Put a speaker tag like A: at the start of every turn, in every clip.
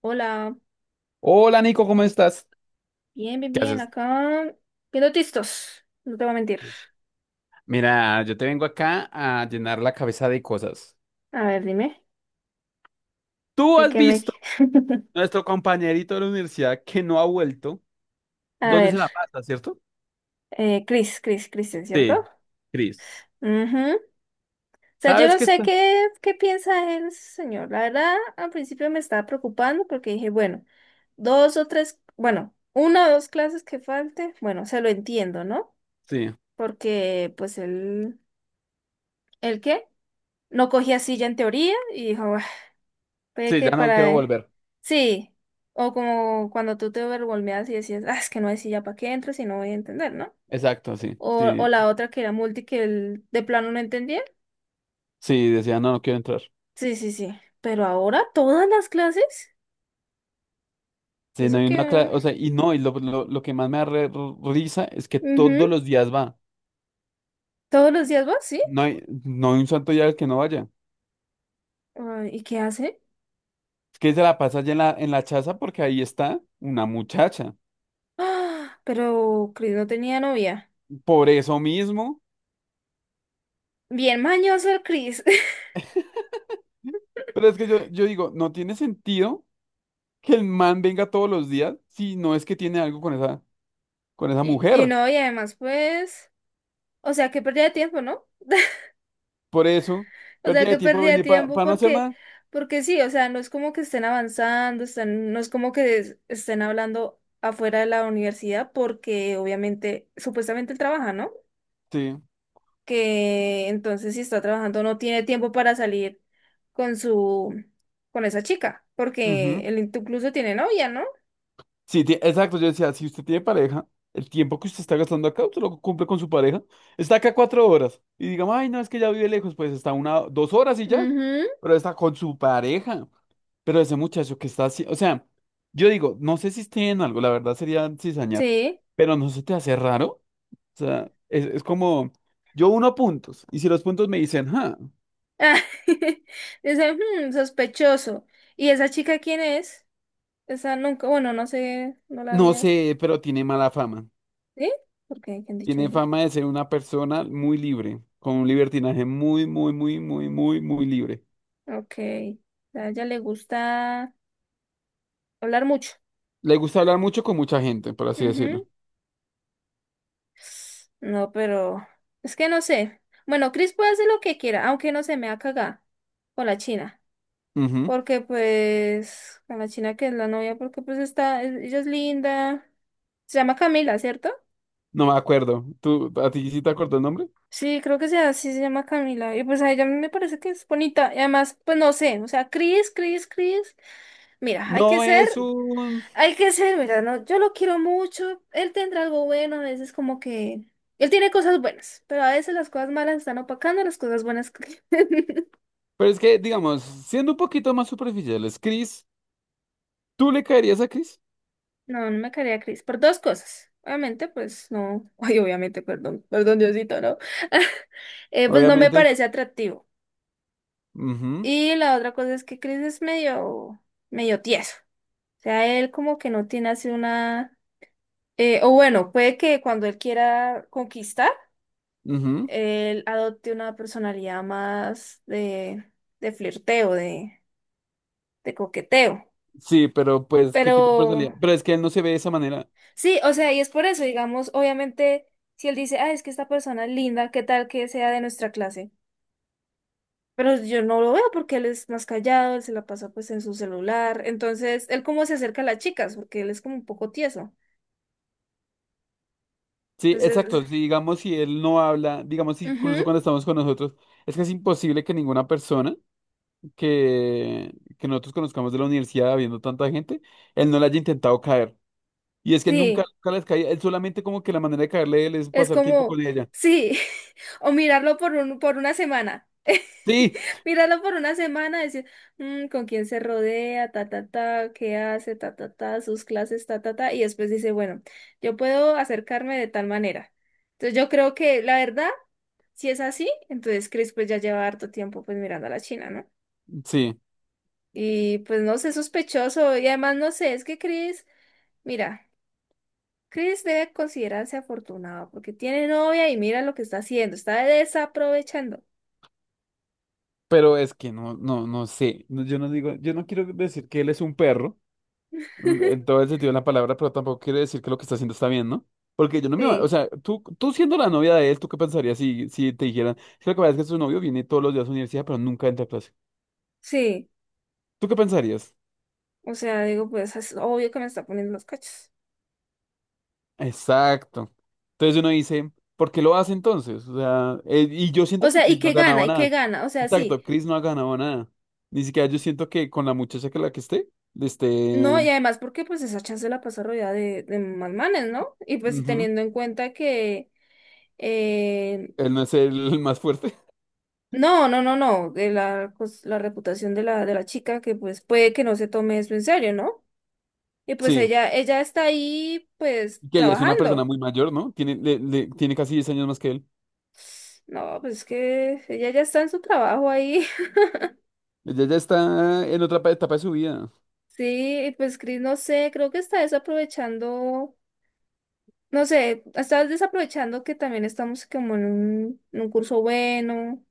A: Hola,
B: Hola Nico, ¿cómo estás?
A: bien, bien,
B: ¿Qué
A: bien,
B: haces?
A: acá viendo tistos, no te voy a mentir.
B: Mira, yo te vengo acá a llenar la cabeza de cosas.
A: A ver, dime,
B: Tú
A: ¿de
B: has
A: qué me...?
B: visto nuestro compañerito de la universidad que no ha vuelto.
A: A
B: ¿Dónde se
A: ver,
B: la pasa, cierto?
A: Christian,
B: Sí,
A: ¿cierto?
B: Cris.
A: Ujú. O sea, yo
B: ¿Sabes
A: no
B: qué
A: sé
B: está?
A: qué piensa el señor. La verdad, al principio me estaba preocupando porque dije, bueno, dos o tres, bueno, una o dos clases que falte, bueno, se lo entiendo, ¿no?
B: Sí,
A: Porque, pues, él, ¿el qué? No cogía silla en teoría y dijo, puede
B: sí, ya
A: que
B: no quiero
A: para...
B: volver.
A: sí, o como cuando tú te overwhelmeas y decías, ah, es que no sé si ya para qué entro si no voy a entender, ¿no?
B: Exacto, sí,
A: O
B: sí,
A: la otra que era multi de plano no entendía.
B: sí, decía, no, no quiero entrar.
A: Sí, sí, sí. Pero ahora todas las clases, y
B: Sí, no
A: eso
B: hay una
A: que...
B: o sea, y no, y lo que más me da risa es que
A: ujú,
B: todos los días va.
A: todos los días vas, ¿sí?
B: No hay un santo día al que no vaya.
A: Ah, ¿y qué hace?
B: Es que se la pasa allá en la chaza porque ahí está una muchacha.
A: Ah, pero Chris no tenía novia.
B: Por eso mismo.
A: Bien mañoso el Chris.
B: Pero es que yo digo, no tiene sentido que el man venga todos los días si no es que tiene algo con esa
A: Y
B: mujer.
A: no, y además pues... O sea, que pérdida de tiempo, ¿no?
B: Por eso,
A: O sea,
B: pérdida de
A: que
B: tiempo
A: pérdida de
B: venir
A: tiempo
B: para no hacer
A: porque,
B: nada.
A: porque sí, o sea, no es como que estén avanzando, están, no es como que estén hablando afuera de la universidad porque obviamente, supuestamente él trabaja, ¿no?
B: Sí.
A: Que entonces si está trabajando no tiene tiempo para salir con su, con esa chica, porque
B: Ujú.
A: él incluso tiene novia, ¿no?
B: Sí, exacto, yo decía, si usted tiene pareja, el tiempo que usted está gastando acá, usted lo cumple con su pareja, está acá 4 horas y digamos, ay, no, es que ya vive lejos, pues está una, 2 horas y ya,
A: Ujú,
B: pero está con su pareja, pero ese muchacho que está así, o sea, yo digo, no sé si esté en algo, la verdad sería cizañar,
A: sí.
B: pero no se te hace raro, o sea, es como, yo uno puntos y si los puntos me dicen, ah,
A: Ah, dice, "Hmm, sospechoso. ¿Y esa chica quién es? Esa nunca, bueno, no sé, no la
B: no
A: había.
B: sé, pero tiene mala fama.
A: ¿Sí? Porque ¿qué han dicho
B: Tiene
A: ella?
B: fama de ser una persona muy libre, con un libertinaje muy, muy, muy, muy, muy, muy libre.
A: Ok. A ella le gusta hablar mucho.
B: Le gusta hablar mucho con mucha gente, por así decirlo.
A: Ujú. No, pero es que no sé. Bueno, Chris puede hacer lo que quiera, aunque no se me ha cagado con la China.
B: Ujú.
A: Porque pues, con la China que es la novia, porque pues está, ella es linda. Se llama Camila, ¿cierto?
B: No me acuerdo. ¿Tú, a ti sí te acuerdas el nombre?
A: Sí, creo que sea así, se llama Camila. Y pues a ella me parece que es bonita. Y además, pues no sé, o sea, Chris. Mira, hay que
B: No
A: ser...
B: es un...
A: hay que ser, ¿verdad? No, yo lo quiero mucho. Él tendrá algo bueno, a veces como que... él tiene cosas buenas, pero a veces las cosas malas están opacando las cosas buenas.
B: Pero es que, digamos, siendo un poquito más superficiales, Chris, ¿tú le caerías a Chris?
A: No, no me caería a Chris. Por dos cosas. Obviamente, pues no. Ay, obviamente, perdón. Perdón, Diosito, ¿no? Pues no me
B: Obviamente.
A: parece atractivo.
B: Ujú,
A: Y la otra cosa es que Chris es medio, medio tieso. O sea, él como que no tiene así una... o bueno, puede que cuando él quiera conquistar
B: ujú.
A: él adopte una personalidad más de flirteo, de coqueteo.
B: Sí, pero pues, ¿qué
A: Pero
B: tipo de personalidad? Pero es que él no se ve de esa manera.
A: sí, o sea, y es por eso, digamos, obviamente, si él dice, ah, es que esta persona es linda, ¿qué tal que sea de nuestra clase? Pero yo no lo veo porque él es más callado, él se la pasa pues en su celular. Entonces, él cómo se acerca a las chicas, porque él es como un poco tieso.
B: Sí,
A: Entonces,
B: exacto. Si digamos, si él no habla, digamos, incluso
A: ujú,
B: cuando estamos con nosotros, es que es imposible que ninguna persona que nosotros conozcamos de la universidad habiendo tanta gente, él no le haya intentado caer. Y es que nunca,
A: sí.
B: nunca les caía, él solamente como que la manera de caerle a él es
A: Es
B: pasar tiempo
A: como,
B: con ella.
A: sí, o mirarlo por un, por una semana.
B: Sí,
A: Mirarlo por una semana, decir, "Mm, con quién se rodea, ta, ta, ta, qué hace, ta, ta, ta, sus clases, ta, ta, ta", y después dice, bueno, yo puedo acercarme de tal manera. Entonces yo creo que la verdad, si es así, entonces Chris pues ya lleva harto tiempo pues mirando a la China, ¿no?
B: sí,
A: Y pues no sé, sospechoso, y además no sé, es que Chris, mira. Chris debe considerarse afortunado porque tiene novia y mira lo que está haciendo, está desaprovechando.
B: pero es que no, no, no sé. No, yo no digo, yo no quiero decir que él es un perro, en todo el sentido de la palabra, pero tampoco quiero decir que lo que está haciendo está bien, ¿no? Porque yo no me, o
A: Sí,
B: sea, tú siendo la novia de él, ¿tú qué pensarías si, si te dijeran, es que lo que pasa es que su novio viene todos los días a la universidad, pero nunca entra a clase?
A: sí.
B: ¿Tú qué pensarías?
A: O sea, digo, pues es obvio que me está poniendo los cachos.
B: Exacto. Entonces uno dice, ¿por qué lo hace entonces? O sea, y yo siento
A: O
B: que
A: sea, ¿y
B: Chris no ha
A: qué
B: ganado
A: gana? ¿Y qué
B: nada.
A: gana? O sea, sí.
B: Exacto, Chris no ha ganado nada. Ni siquiera yo siento que con la muchacha que la que esté, este,
A: No, y además porque pues esa chance la pasa rodeada de más manes, ¿no? Y pues
B: ujú,
A: teniendo en cuenta que eh,
B: él no es el más fuerte.
A: no, no, no, no, de la, la reputación de la chica, que pues puede que no se tome eso en serio, ¿no? Y pues
B: Sí,
A: ella está ahí pues
B: que ella es una persona
A: trabajando.
B: muy mayor, ¿no? Tiene, tiene casi 10 años más que él.
A: No, pues es que ella ya está en su trabajo ahí.
B: Ella ya está en otra etapa de su vida.
A: Sí, y pues Chris, no sé, creo que está desaprovechando, no sé, está desaprovechando que también estamos como en un curso bueno,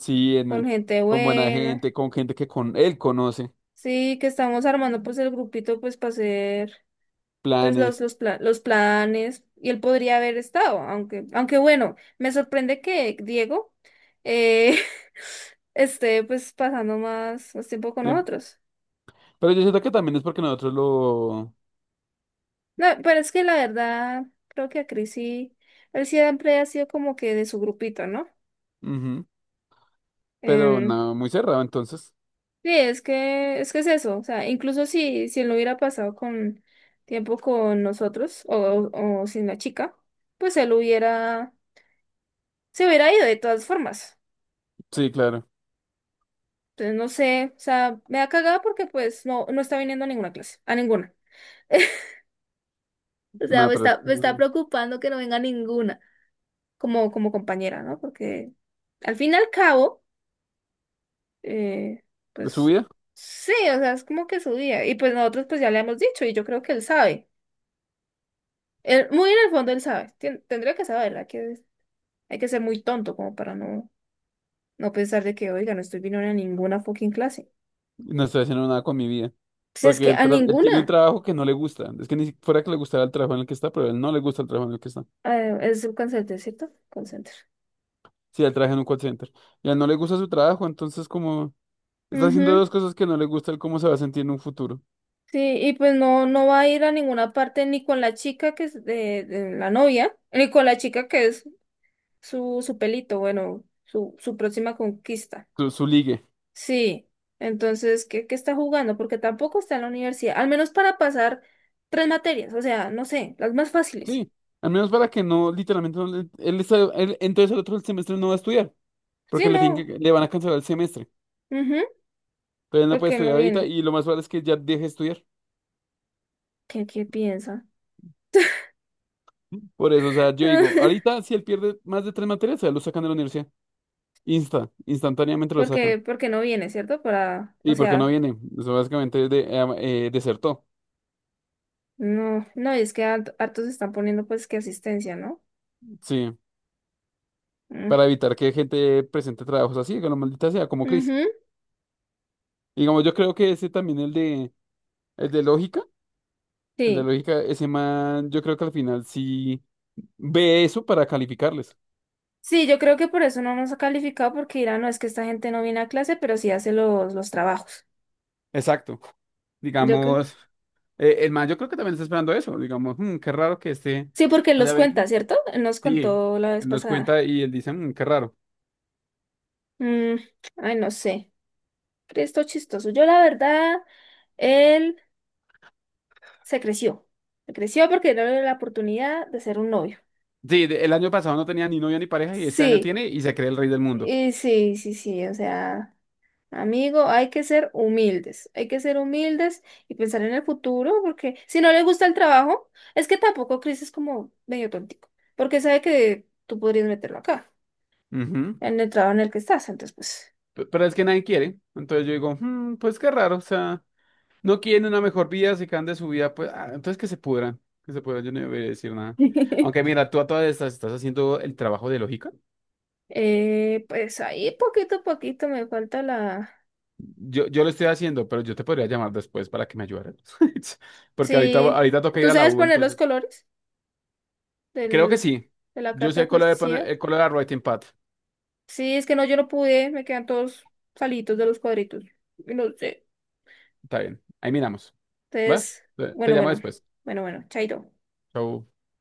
B: Sí,
A: con
B: en-
A: gente
B: con buena
A: buena.
B: gente, con gente que con él conoce,
A: Sí, que estamos armando pues el grupito pues para hacer pues
B: planes.
A: los, los planes, y él podría haber estado, aunque, aunque bueno, me sorprende que Diego eh, esté pues pasando más, más tiempo con
B: Bien.
A: nosotros.
B: Pero yo siento que también es porque nosotros lo...
A: No, pero es que la verdad, creo que a Chris sí, él siempre ha sido como que de su grupito, ¿no?
B: Ujú. Pero
A: Em,
B: no, muy cerrado entonces.
A: sí, es que, es que es eso, o sea, incluso si, si él no hubiera pasado con tiempo con nosotros o sin la chica, pues él hubiera, se hubiera ido de todas formas.
B: Sí, claro.
A: Entonces, no sé, o sea, me da cagada porque pues no, no está viniendo a ninguna clase, a ninguna. O sea,
B: Nada, pero es-
A: me está preocupando que no venga ninguna como, como compañera, ¿no? Porque al fin y al cabo... eh,
B: de su
A: pues
B: vida
A: sí, o sea, es como que su día. Y pues nosotros pues ya le hemos dicho y yo creo que él sabe. Él, muy en el fondo él sabe. Tendría que saber, hay que ser muy tonto como para no, no pensar de que, oiga, no estoy viniendo a ninguna fucking clase.
B: no estoy haciendo nada con mi vida.
A: Si es
B: Porque
A: que
B: él,
A: a
B: él
A: ninguna.
B: tiene un trabajo que no le gusta. Es que ni fuera que le gustara el trabajo en el que está, pero él no le gusta el trabajo en el que está.
A: Es un consenter, ¿cierto? Consenter.
B: Sí, él trabaja en un call center. Y a él no le gusta su trabajo, entonces como está haciendo
A: Ujú,
B: dos cosas que no le gusta, él cómo se va a sentir en un futuro.
A: sí, y pues no, no va a ir a ninguna parte ni con la chica que es de la novia, ni con la chica que es su, su pelito, bueno, su próxima conquista.
B: Su ligue.
A: Sí, entonces, ¿qué, qué está jugando? Porque tampoco está en la universidad, al menos para pasar tres materias, o sea, no sé, las más fáciles.
B: Sí. Al menos para que no, literalmente, no le- él, está- él- entonces el otro semestre no va a estudiar.
A: Sí,
B: Porque le tienen
A: no,
B: que, le van a cancelar el semestre.
A: ujú,
B: Entonces él no puede
A: porque no
B: estudiar ahorita
A: viene.
B: y lo más probable es que ya deje de estudiar.
A: ¿Qué, qué piensa?
B: Por eso, o sea, yo digo, ahorita si él pierde más de 3 materias, a él lo sacan de la universidad. Insta, instantáneamente lo
A: Porque,
B: sacan.
A: porque no viene, ¿cierto? Para, o
B: Sí, porque no
A: sea,
B: viene, eso básicamente es de, desertó.
A: no, no, y es que hartos están poniendo pues que asistencia, ¿no?
B: Sí, para
A: Mm,
B: evitar que gente presente trabajos así, que lo maldita sea, como Chris.
A: ujú,
B: Digamos, yo creo que ese también, el de lógica, el de
A: sí.
B: lógica, ese man, yo creo que al final sí ve eso para calificarles.
A: Sí, yo creo que por eso no nos ha calificado, porque dirán, no, es que esta gente no viene a clase, pero sí hace los trabajos.
B: Exacto.
A: Yo,
B: Digamos, el man, yo creo que también está esperando eso. Digamos, "Mm, qué raro que este
A: sí, porque él
B: haya
A: los
B: venido.
A: cuenta, ¿cierto? Él nos
B: Sí,
A: contó la vez
B: él nos
A: pasada.
B: cuenta y él dice, "Mm, qué raro.
A: Mm, ay, no sé. Esto chistoso. Yo, la verdad, él se creció. Se creció porque no le dio la oportunidad de ser un novio.
B: Sí, el año pasado no tenía ni novia ni pareja y este año
A: Sí,
B: tiene y se cree el rey del mundo.
A: y sí, sí, sí. O sea, amigo, hay que ser humildes. Hay que ser humildes y pensar en el futuro, porque si no le gusta el trabajo, es que tampoco Chris es como medio tontico, porque sabe que tú podrías meterlo acá,
B: Ujú.
A: en el trabajo en el que estás. Entonces, pues.
B: Pero es que nadie quiere. Entonces yo digo, "Mm, pues qué raro, o sea, no quieren una mejor vida, se quedan de su vida, pues, ah, entonces que se pudran, yo no voy a decir nada. Aunque mira, tú a todas estas estás haciendo el trabajo de lógica.
A: Pues ahí poquito a poquito me falta la...
B: Yo lo estoy haciendo, pero yo te podría llamar después para que me ayudaras. Porque ahorita,
A: Sí,
B: ahorita toca ir
A: ¿tú
B: a la
A: sabes
B: U,
A: poner los
B: entonces.
A: colores
B: Creo que
A: del,
B: sí.
A: de la
B: Yo
A: carta
B: sé
A: de plasticidad?
B: el color de la writing pad.
A: Sí, es que no, yo no pude, me quedan todos salitos de los cuadritos. Y no sé.
B: Está bien. Ahí miramos. ¿Va?
A: Entonces,
B: Te
A: bueno,
B: llamo
A: bueno,
B: después.
A: bueno, bueno, chaito.
B: Chau.